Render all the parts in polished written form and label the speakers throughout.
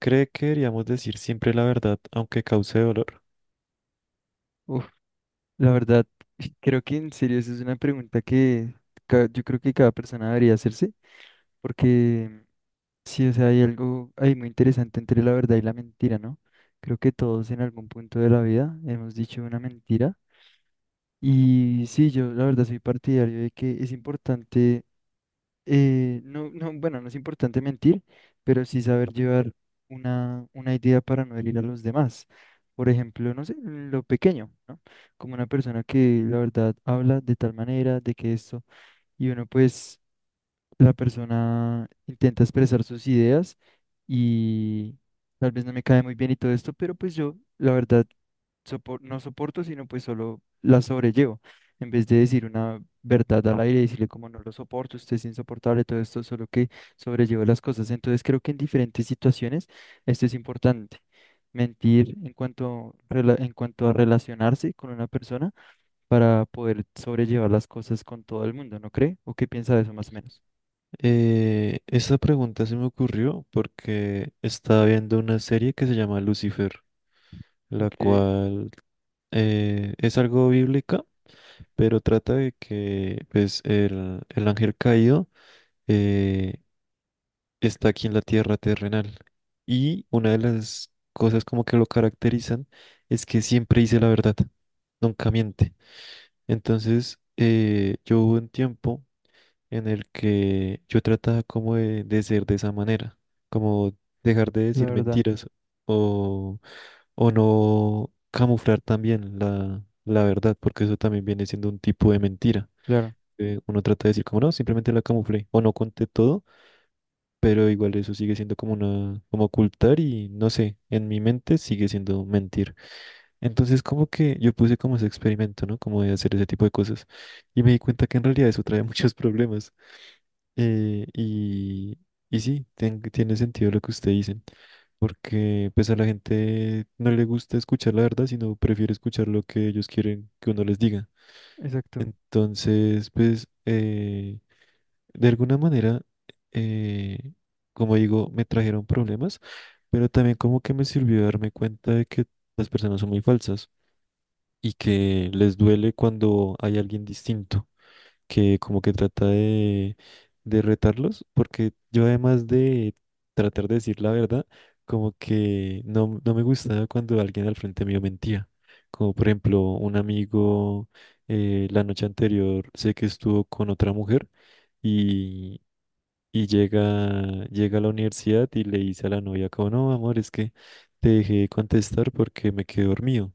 Speaker 1: ¿Cree que deberíamos decir siempre la verdad, aunque cause dolor?
Speaker 2: Uf, la verdad, creo que en serio esa es una pregunta que yo creo que cada persona debería hacerse, porque sí, o sea, hay algo ahí muy interesante entre la verdad y la mentira, ¿no? Creo que todos en algún punto de la vida hemos dicho una mentira y sí, yo la verdad soy partidario de que es importante no, no, bueno, no es importante mentir, pero sí saber llevar una idea para no herir a los demás. Por ejemplo, no sé, en lo pequeño, ¿no? Como una persona que la verdad habla de tal manera, de que esto, y uno pues, la persona intenta expresar sus ideas y tal vez no me cae muy bien y todo esto, pero pues yo, la verdad, no soporto, sino pues solo la sobrellevo. En vez de decir una verdad al aire y decirle como no lo soporto, usted es insoportable, todo esto, solo que sobrellevo las cosas. Entonces creo que en diferentes situaciones esto es importante. Mentir en cuanto a relacionarse con una persona para poder sobrellevar las cosas con todo el mundo, ¿no cree? ¿O qué piensa de eso más o menos?
Speaker 1: Esta pregunta se me ocurrió porque estaba viendo una serie que se llama Lucifer, la
Speaker 2: Ok,
Speaker 1: cual es algo bíblica, pero trata de que pues, el ángel caído eh, está aquí en la tierra terrenal. Y una de las cosas como que lo caracterizan es que siempre dice la verdad, nunca miente. Entonces, yo hubo un tiempo en el que yo trataba como de ser de esa manera, como dejar de
Speaker 2: la
Speaker 1: decir
Speaker 2: verdad,
Speaker 1: mentiras o, o no camuflar también la verdad, porque eso también viene siendo un tipo de mentira.
Speaker 2: claro,
Speaker 1: Uno trata de decir como no, simplemente la camuflé o no conté todo, pero igual eso sigue siendo como una, como ocultar y no sé, en mi mente sigue siendo mentir. Entonces como que yo puse como ese experimento, ¿no? Como de hacer ese tipo de cosas y me di cuenta que en realidad eso trae muchos problemas. Eh, y, y sí, tiene sentido lo que usted dice, porque pues a la gente no le gusta escuchar la verdad, sino prefiere escuchar lo que ellos quieren que uno les diga.
Speaker 2: exacto.
Speaker 1: Entonces, pues, de alguna manera, eh, como digo, me trajeron problemas, pero también como que me sirvió darme cuenta de que las personas son muy falsas y que les duele cuando hay alguien distinto que como que trata de retarlos, porque yo además de tratar de decir la verdad, como que no, no me gustaba cuando alguien al frente mío mentía. Como por ejemplo, un amigo la noche anterior sé que estuvo con otra mujer y, y llega, llega a la universidad y le dice a la novia como, no, amor, es que te dejé contestar porque me quedé dormido.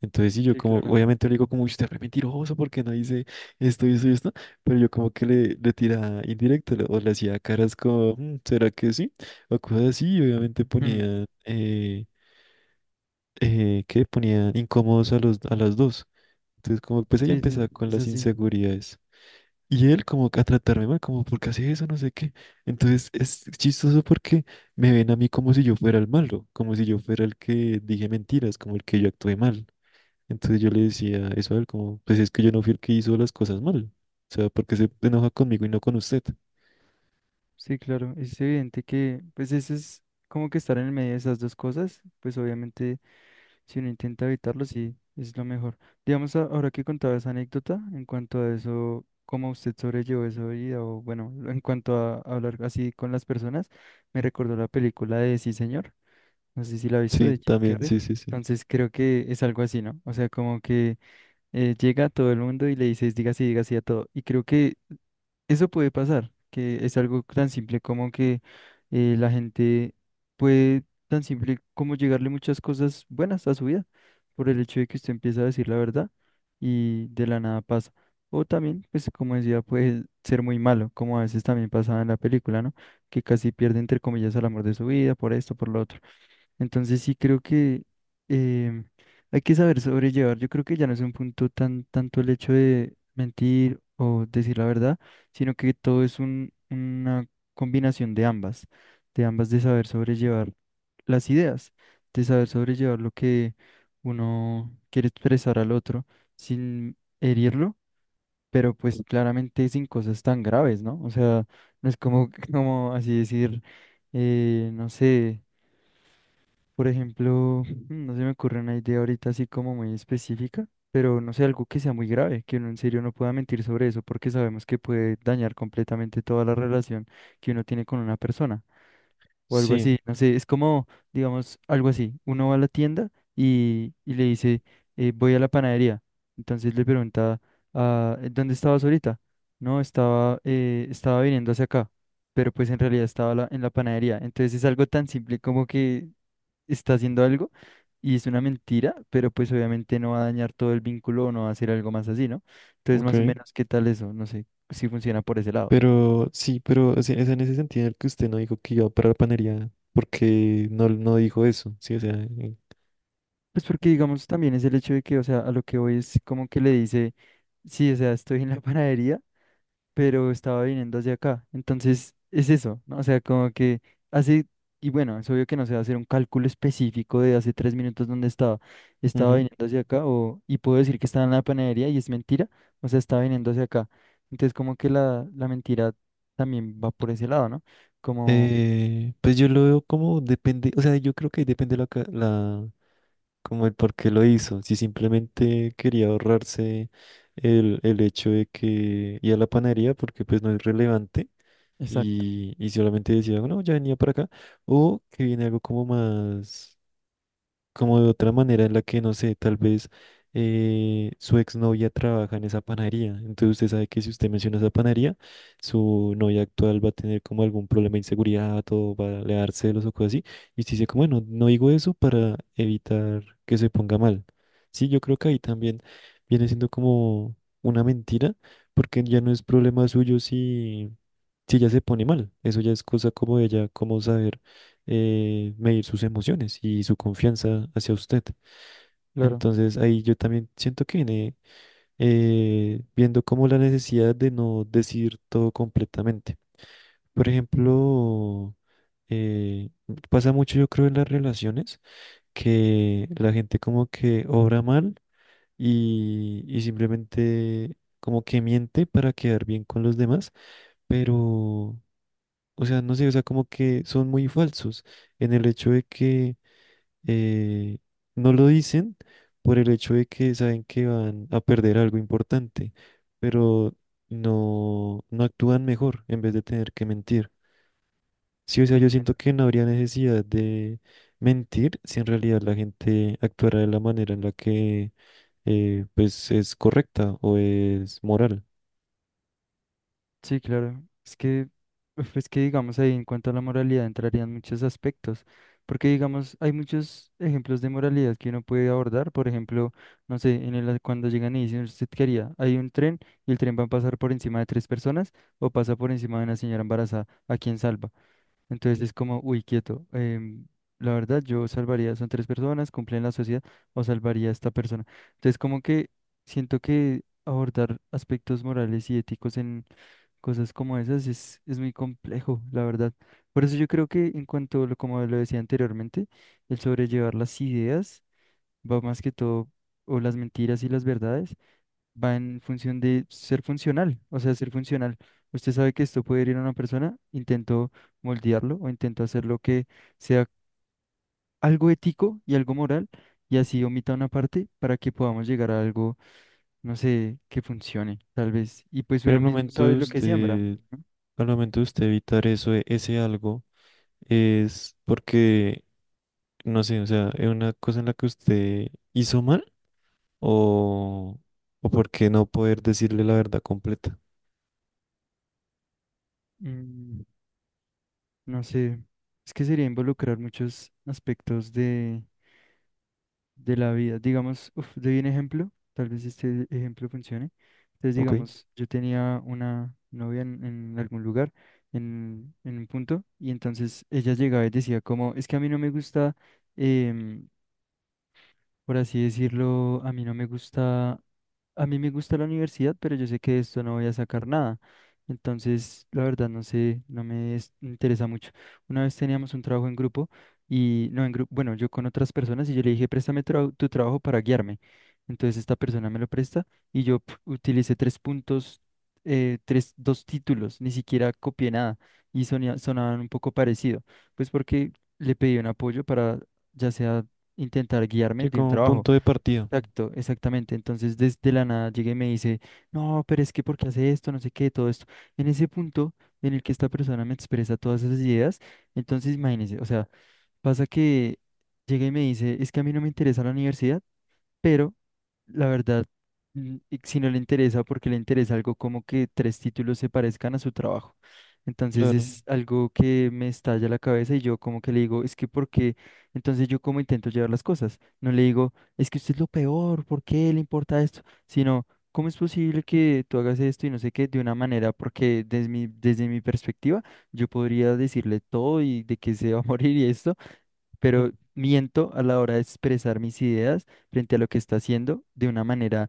Speaker 1: Entonces, sí, yo
Speaker 2: Sí,
Speaker 1: como,
Speaker 2: claro.
Speaker 1: obviamente le digo como, "Uy, usted es re mentiroso porque no dice esto y esto y esto, pero yo como que le tiraba indirecto o le hacía caras como, "Mm, ¿será que sí? O cosas así, y obviamente ponía, ¿qué? Ponía incómodos a los, a las dos. Entonces, como, pues ella
Speaker 2: Sí, sí,
Speaker 1: empezaba con
Speaker 2: es
Speaker 1: las
Speaker 2: así.
Speaker 1: inseguridades. Y él como que a tratarme mal, como, ¿por qué hace eso? No sé qué. Entonces, es chistoso porque me ven a mí como si yo fuera el malo, como si yo fuera el que dije mentiras, como el que yo actué mal. Entonces yo le decía eso a él como, pues es que yo no fui el que hizo las cosas mal. O sea, porque se enoja conmigo y no con usted.
Speaker 2: Sí, claro, es evidente que, pues eso es como que estar en el medio de esas dos cosas, pues obviamente si uno intenta evitarlo, sí, es lo mejor. Digamos, ahora que contaba esa anécdota, en cuanto a eso, cómo usted sobrellevó esa vida, o bueno, en cuanto a hablar así con las personas, me recordó la película de Sí, señor, no sé si la ha visto,
Speaker 1: Sí,
Speaker 2: de Jim
Speaker 1: también,
Speaker 2: Carrey,
Speaker 1: sí, sí, sí.
Speaker 2: entonces creo que es algo así, ¿no? O sea, como que llega a todo el mundo y le dices, diga sí a todo, y creo que eso puede pasar, que es algo tan simple como que la gente puede tan simple como llegarle muchas cosas buenas a su vida por el hecho de que usted empieza a decir la verdad y de la nada pasa. O también, pues como decía, puede ser muy malo, como a veces también pasaba en la película, ¿no? Que casi pierde entre comillas el amor de su vida por esto, por lo otro. Entonces sí creo que em, hay que saber sobrellevar. Yo creo que ya no es un punto tan tanto el hecho de mentir o decir la verdad, sino que todo es un, una combinación de ambas de saber sobrellevar las ideas, de saber sobrellevar lo que uno quiere expresar al otro sin herirlo, pero pues claramente sin cosas tan graves, ¿no? O sea, no es como, como así decir, no sé. Por ejemplo, no se me ocurre una idea ahorita así como muy específica, pero no sé, algo que sea muy grave, que uno en serio no pueda mentir sobre eso, porque sabemos que puede dañar completamente toda la relación que uno tiene con una persona o algo
Speaker 1: Sí,
Speaker 2: así, no sé, es como, digamos, algo así. Uno va a la tienda y le dice, voy a la panadería. Entonces le pregunta, ah, ¿dónde estabas ahorita? No, estaba viniendo hacia acá, pero pues en realidad estaba en la panadería. Entonces es algo tan simple como que está haciendo algo y es una mentira, pero pues obviamente no va a dañar todo el vínculo o no va a hacer algo más así, ¿no? Entonces
Speaker 1: ok.
Speaker 2: más o menos, ¿qué tal eso? No sé si funciona por ese lado.
Speaker 1: Pero sí, pero o sea, es en ese sentido en el que usted no dijo que iba para la panería, porque no, no dijo eso, sí, o sea. Eh,
Speaker 2: Pues porque digamos también es el hecho de que, o sea, a lo que voy es como que le dice, sí, o sea, estoy en la panadería, pero estaba viniendo hacia acá. Entonces, es eso, ¿no? O sea, como que hace, y bueno, es obvio que no se va a hacer un cálculo específico de hace 3 minutos dónde estaba. Estaba
Speaker 1: ujú.
Speaker 2: viniendo hacia acá, o, y puedo decir que estaba en la panadería y es mentira, o sea, estaba viniendo hacia acá. Entonces, como que la mentira también va por ese lado, ¿no? Como,
Speaker 1: Pues yo lo veo como depende, o sea, yo creo que ahí depende como el por qué lo hizo. Si simplemente quería ahorrarse el hecho de que ir a la panadería, porque pues no es relevante.
Speaker 2: exacto,
Speaker 1: Y, y solamente decía, no, ya venía para acá, o que viene algo como más como de otra manera en la que, no sé, tal vez su exnovia trabaja en esa panadería. Entonces usted sabe que si usted menciona esa panadería, su novia actual va a tener como algún problema de inseguridad o va a le dar celos o cosas así. Y usted dice como, bueno, no digo eso para evitar que se ponga mal. Sí, yo creo que ahí también viene siendo como una mentira, porque ya no es problema suyo si, si ella se pone mal. Eso ya es cosa como de ella, como saber medir sus emociones y su confianza hacia usted.
Speaker 2: claro.
Speaker 1: Entonces ahí yo también siento que viene viendo como la necesidad de no decir todo completamente. Por ejemplo, eh, pasa mucho yo creo en las relaciones que la gente como que obra mal y simplemente como que miente para quedar bien con los demás, pero, o sea, no sé, o sea, como que son muy falsos en el hecho de que eh, no lo dicen por el hecho de que saben que van a perder algo importante, pero no, no actúan mejor en vez de tener que mentir. Sí, o sea, yo siento que no habría necesidad de mentir si en realidad la gente actuara de la manera en la que pues es correcta o es moral.
Speaker 2: Sí, claro. Es que, uf, es que digamos ahí en cuanto a la moralidad entrarían muchos aspectos, porque digamos hay muchos ejemplos de moralidad que uno puede abordar. Por ejemplo, no sé, en el cuando llegan y dicen usted qué haría, hay un tren y el tren va a pasar por encima de tres personas o pasa por encima de una señora embarazada, ¿a quién salva? Entonces es como, uy, quieto. La verdad, yo salvaría, son tres personas, cumplen la sociedad o salvaría a esta persona. Entonces como que siento que abordar aspectos morales y éticos cosas como esas es muy complejo, la verdad. Por eso yo creo que en cuanto, como lo decía anteriormente, el sobrellevar las ideas va más que todo, o las mentiras y las verdades, va en función de ser funcional, o sea, ser funcional. Usted sabe que esto puede ir a una persona, intento moldearlo o intento hacerlo que sea algo ético y algo moral, y así omita una parte para que podamos llegar a algo, no sé, que funcione, tal vez. Y pues
Speaker 1: Pero
Speaker 2: uno
Speaker 1: al
Speaker 2: mismo
Speaker 1: momento
Speaker 2: sabe
Speaker 1: de
Speaker 2: lo que siembra.
Speaker 1: usted, al momento de usted evitar eso, ese algo, es porque no sé, o sea, es una cosa en la que usted hizo mal o, o por qué no poder decirle la verdad completa.
Speaker 2: Mm. No sé, es que sería involucrar muchos aspectos de la vida. Digamos, uf, doy un ejemplo, tal vez este ejemplo funcione. Entonces,
Speaker 1: Ok,
Speaker 2: digamos, yo tenía una novia en, algún lugar, en un punto, y entonces ella llegaba y decía como, es que a mí no me gusta, em, por así decirlo, a mí no me gusta, a mí me gusta la universidad, pero yo sé que de esto no voy a sacar nada. Entonces, la verdad, no sé, no me interesa mucho. Una vez teníamos un trabajo en grupo y, no, en grupo, bueno, yo con otras personas y yo le dije, préstame tu trabajo para guiarme. Entonces, esta persona me lo presta y yo pf, utilicé tres puntos, tres, dos títulos, ni siquiera copié nada y sonaban un poco parecido, pues porque le pedí un apoyo para ya sea intentar guiarme
Speaker 1: sí,
Speaker 2: de un
Speaker 1: como
Speaker 2: trabajo.
Speaker 1: punto de partida,
Speaker 2: Exacto, exactamente. Entonces, desde la nada llega y me dice, no, pero es que porque hace esto, no sé qué, todo esto. En ese punto en el que esta persona me expresa todas esas ideas, entonces imagínese, o sea, pasa que llega y me dice, es que a mí no me interesa la universidad, pero la verdad, mm, y si no le interesa, porque le interesa algo como que tres títulos se parezcan a su trabajo. Entonces
Speaker 1: claro.
Speaker 2: es algo que me estalla la cabeza y yo como que le digo, es que ¿por qué? Entonces yo como intento llevar las cosas. No le digo, es que usted es lo peor, ¿por qué le importa esto? Sino, ¿cómo es posible que tú hagas esto y no sé qué de una manera? Porque desde mi perspectiva, yo podría decirle todo y de que se va a morir y esto
Speaker 1: Ujú.
Speaker 2: pero miento a la hora de expresar mis ideas frente a lo que está haciendo de una manera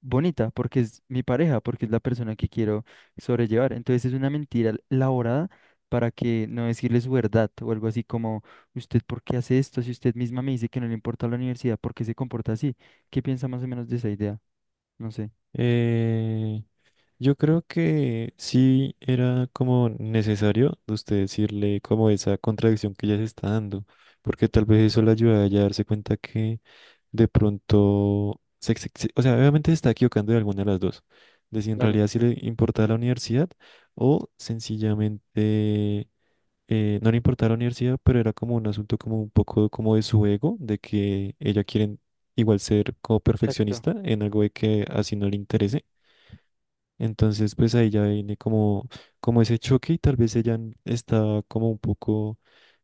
Speaker 2: bonita, porque es mi pareja, porque es la persona que quiero sobrellevar. Entonces es una mentira elaborada para que no decirle su verdad o algo así como, ¿usted por qué hace esto? Si usted misma me dice que no le importa la universidad, ¿por qué se comporta así? ¿Qué piensa más o menos de esa idea? No sé.
Speaker 1: Eh, yo creo que sí era como necesario de usted decirle como esa contradicción que ella se está dando, porque tal vez eso le ayuda a ella a darse cuenta que de pronto, o sea, obviamente se está equivocando de alguna de las dos, de si en
Speaker 2: Claro,
Speaker 1: realidad sí le importaba la universidad o sencillamente no le importaba la universidad, pero era como un asunto como un poco como de su ego, de que ella quiere igual ser como
Speaker 2: exacto.
Speaker 1: perfeccionista en algo de que así no le interese. Entonces, pues ahí ya viene como, como ese choque y tal vez ella está como un poco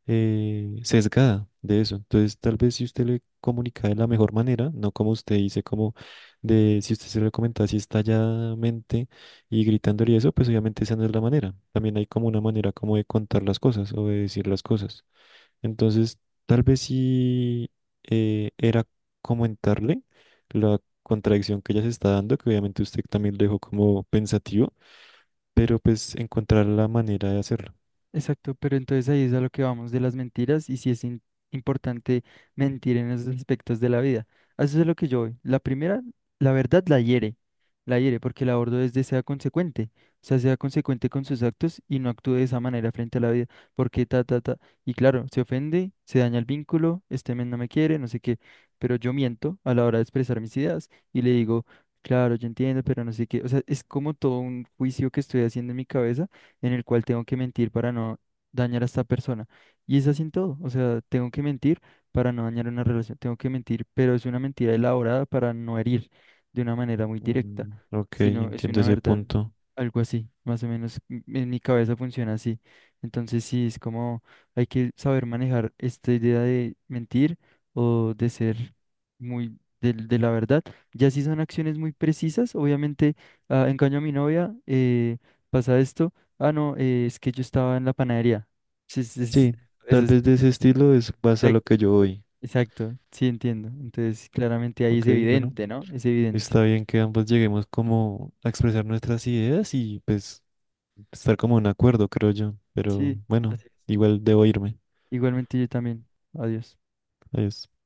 Speaker 1: sesgada de eso. Entonces, tal vez si usted le comunica de la mejor manera, no como usted dice, como de si usted se lo comenta así estalladamente y gritándole y eso, pues obviamente esa no es la manera. También hay como una manera como de contar las cosas o de decir las cosas. Entonces, tal vez sí era comentarle la contradicción que ella se está dando, que obviamente usted también lo dejó como pensativo, pero pues encontrar la manera de hacerlo.
Speaker 2: Exacto, pero entonces ahí es a lo que vamos de las mentiras y si es importante mentir en esos aspectos de la vida. A eso es a lo que yo voy. La primera, la verdad la hiere porque el abordo es de sea consecuente, o sea, sea consecuente con sus actos y no actúe de esa manera frente a la vida, porque ta, ta, ta. Y claro, se ofende, se daña el vínculo, este men no me quiere, no sé qué, pero yo miento a la hora de expresar mis ideas y le digo, claro, yo entiendo, pero no sé qué. O sea, es como todo un juicio que estoy haciendo en mi cabeza en el cual tengo que mentir para no dañar a esta persona. Y es así en todo, o sea, tengo que mentir para no dañar una relación, tengo que mentir, pero es una mentira elaborada para no herir de una manera muy directa,
Speaker 1: Mm, ok,
Speaker 2: sino es
Speaker 1: entiendo
Speaker 2: una
Speaker 1: ese
Speaker 2: verdad,
Speaker 1: punto.
Speaker 2: algo así, más o menos en mi cabeza funciona así. Entonces sí, es como hay que saber manejar esta idea de mentir o de ser muy de la verdad. Ya si son acciones muy precisas, obviamente, ah, engaño a mi novia, pasa esto. Ah, no, es que yo estaba en la panadería. Sí, sí,
Speaker 1: Sí,
Speaker 2: eso
Speaker 1: tal
Speaker 2: es
Speaker 1: vez de ese estilo es más a lo
Speaker 2: correcto.
Speaker 1: que yo voy.
Speaker 2: Exacto, sí entiendo. Entonces, claramente ahí es
Speaker 1: Ok, bueno,
Speaker 2: evidente, ¿no? Es evidente.
Speaker 1: está bien que ambos lleguemos como a expresar nuestras ideas y pues estar como en acuerdo, creo yo. Pero
Speaker 2: Sí,
Speaker 1: bueno,
Speaker 2: así es.
Speaker 1: igual debo irme.
Speaker 2: Igualmente yo también. Adiós.
Speaker 1: Adiós.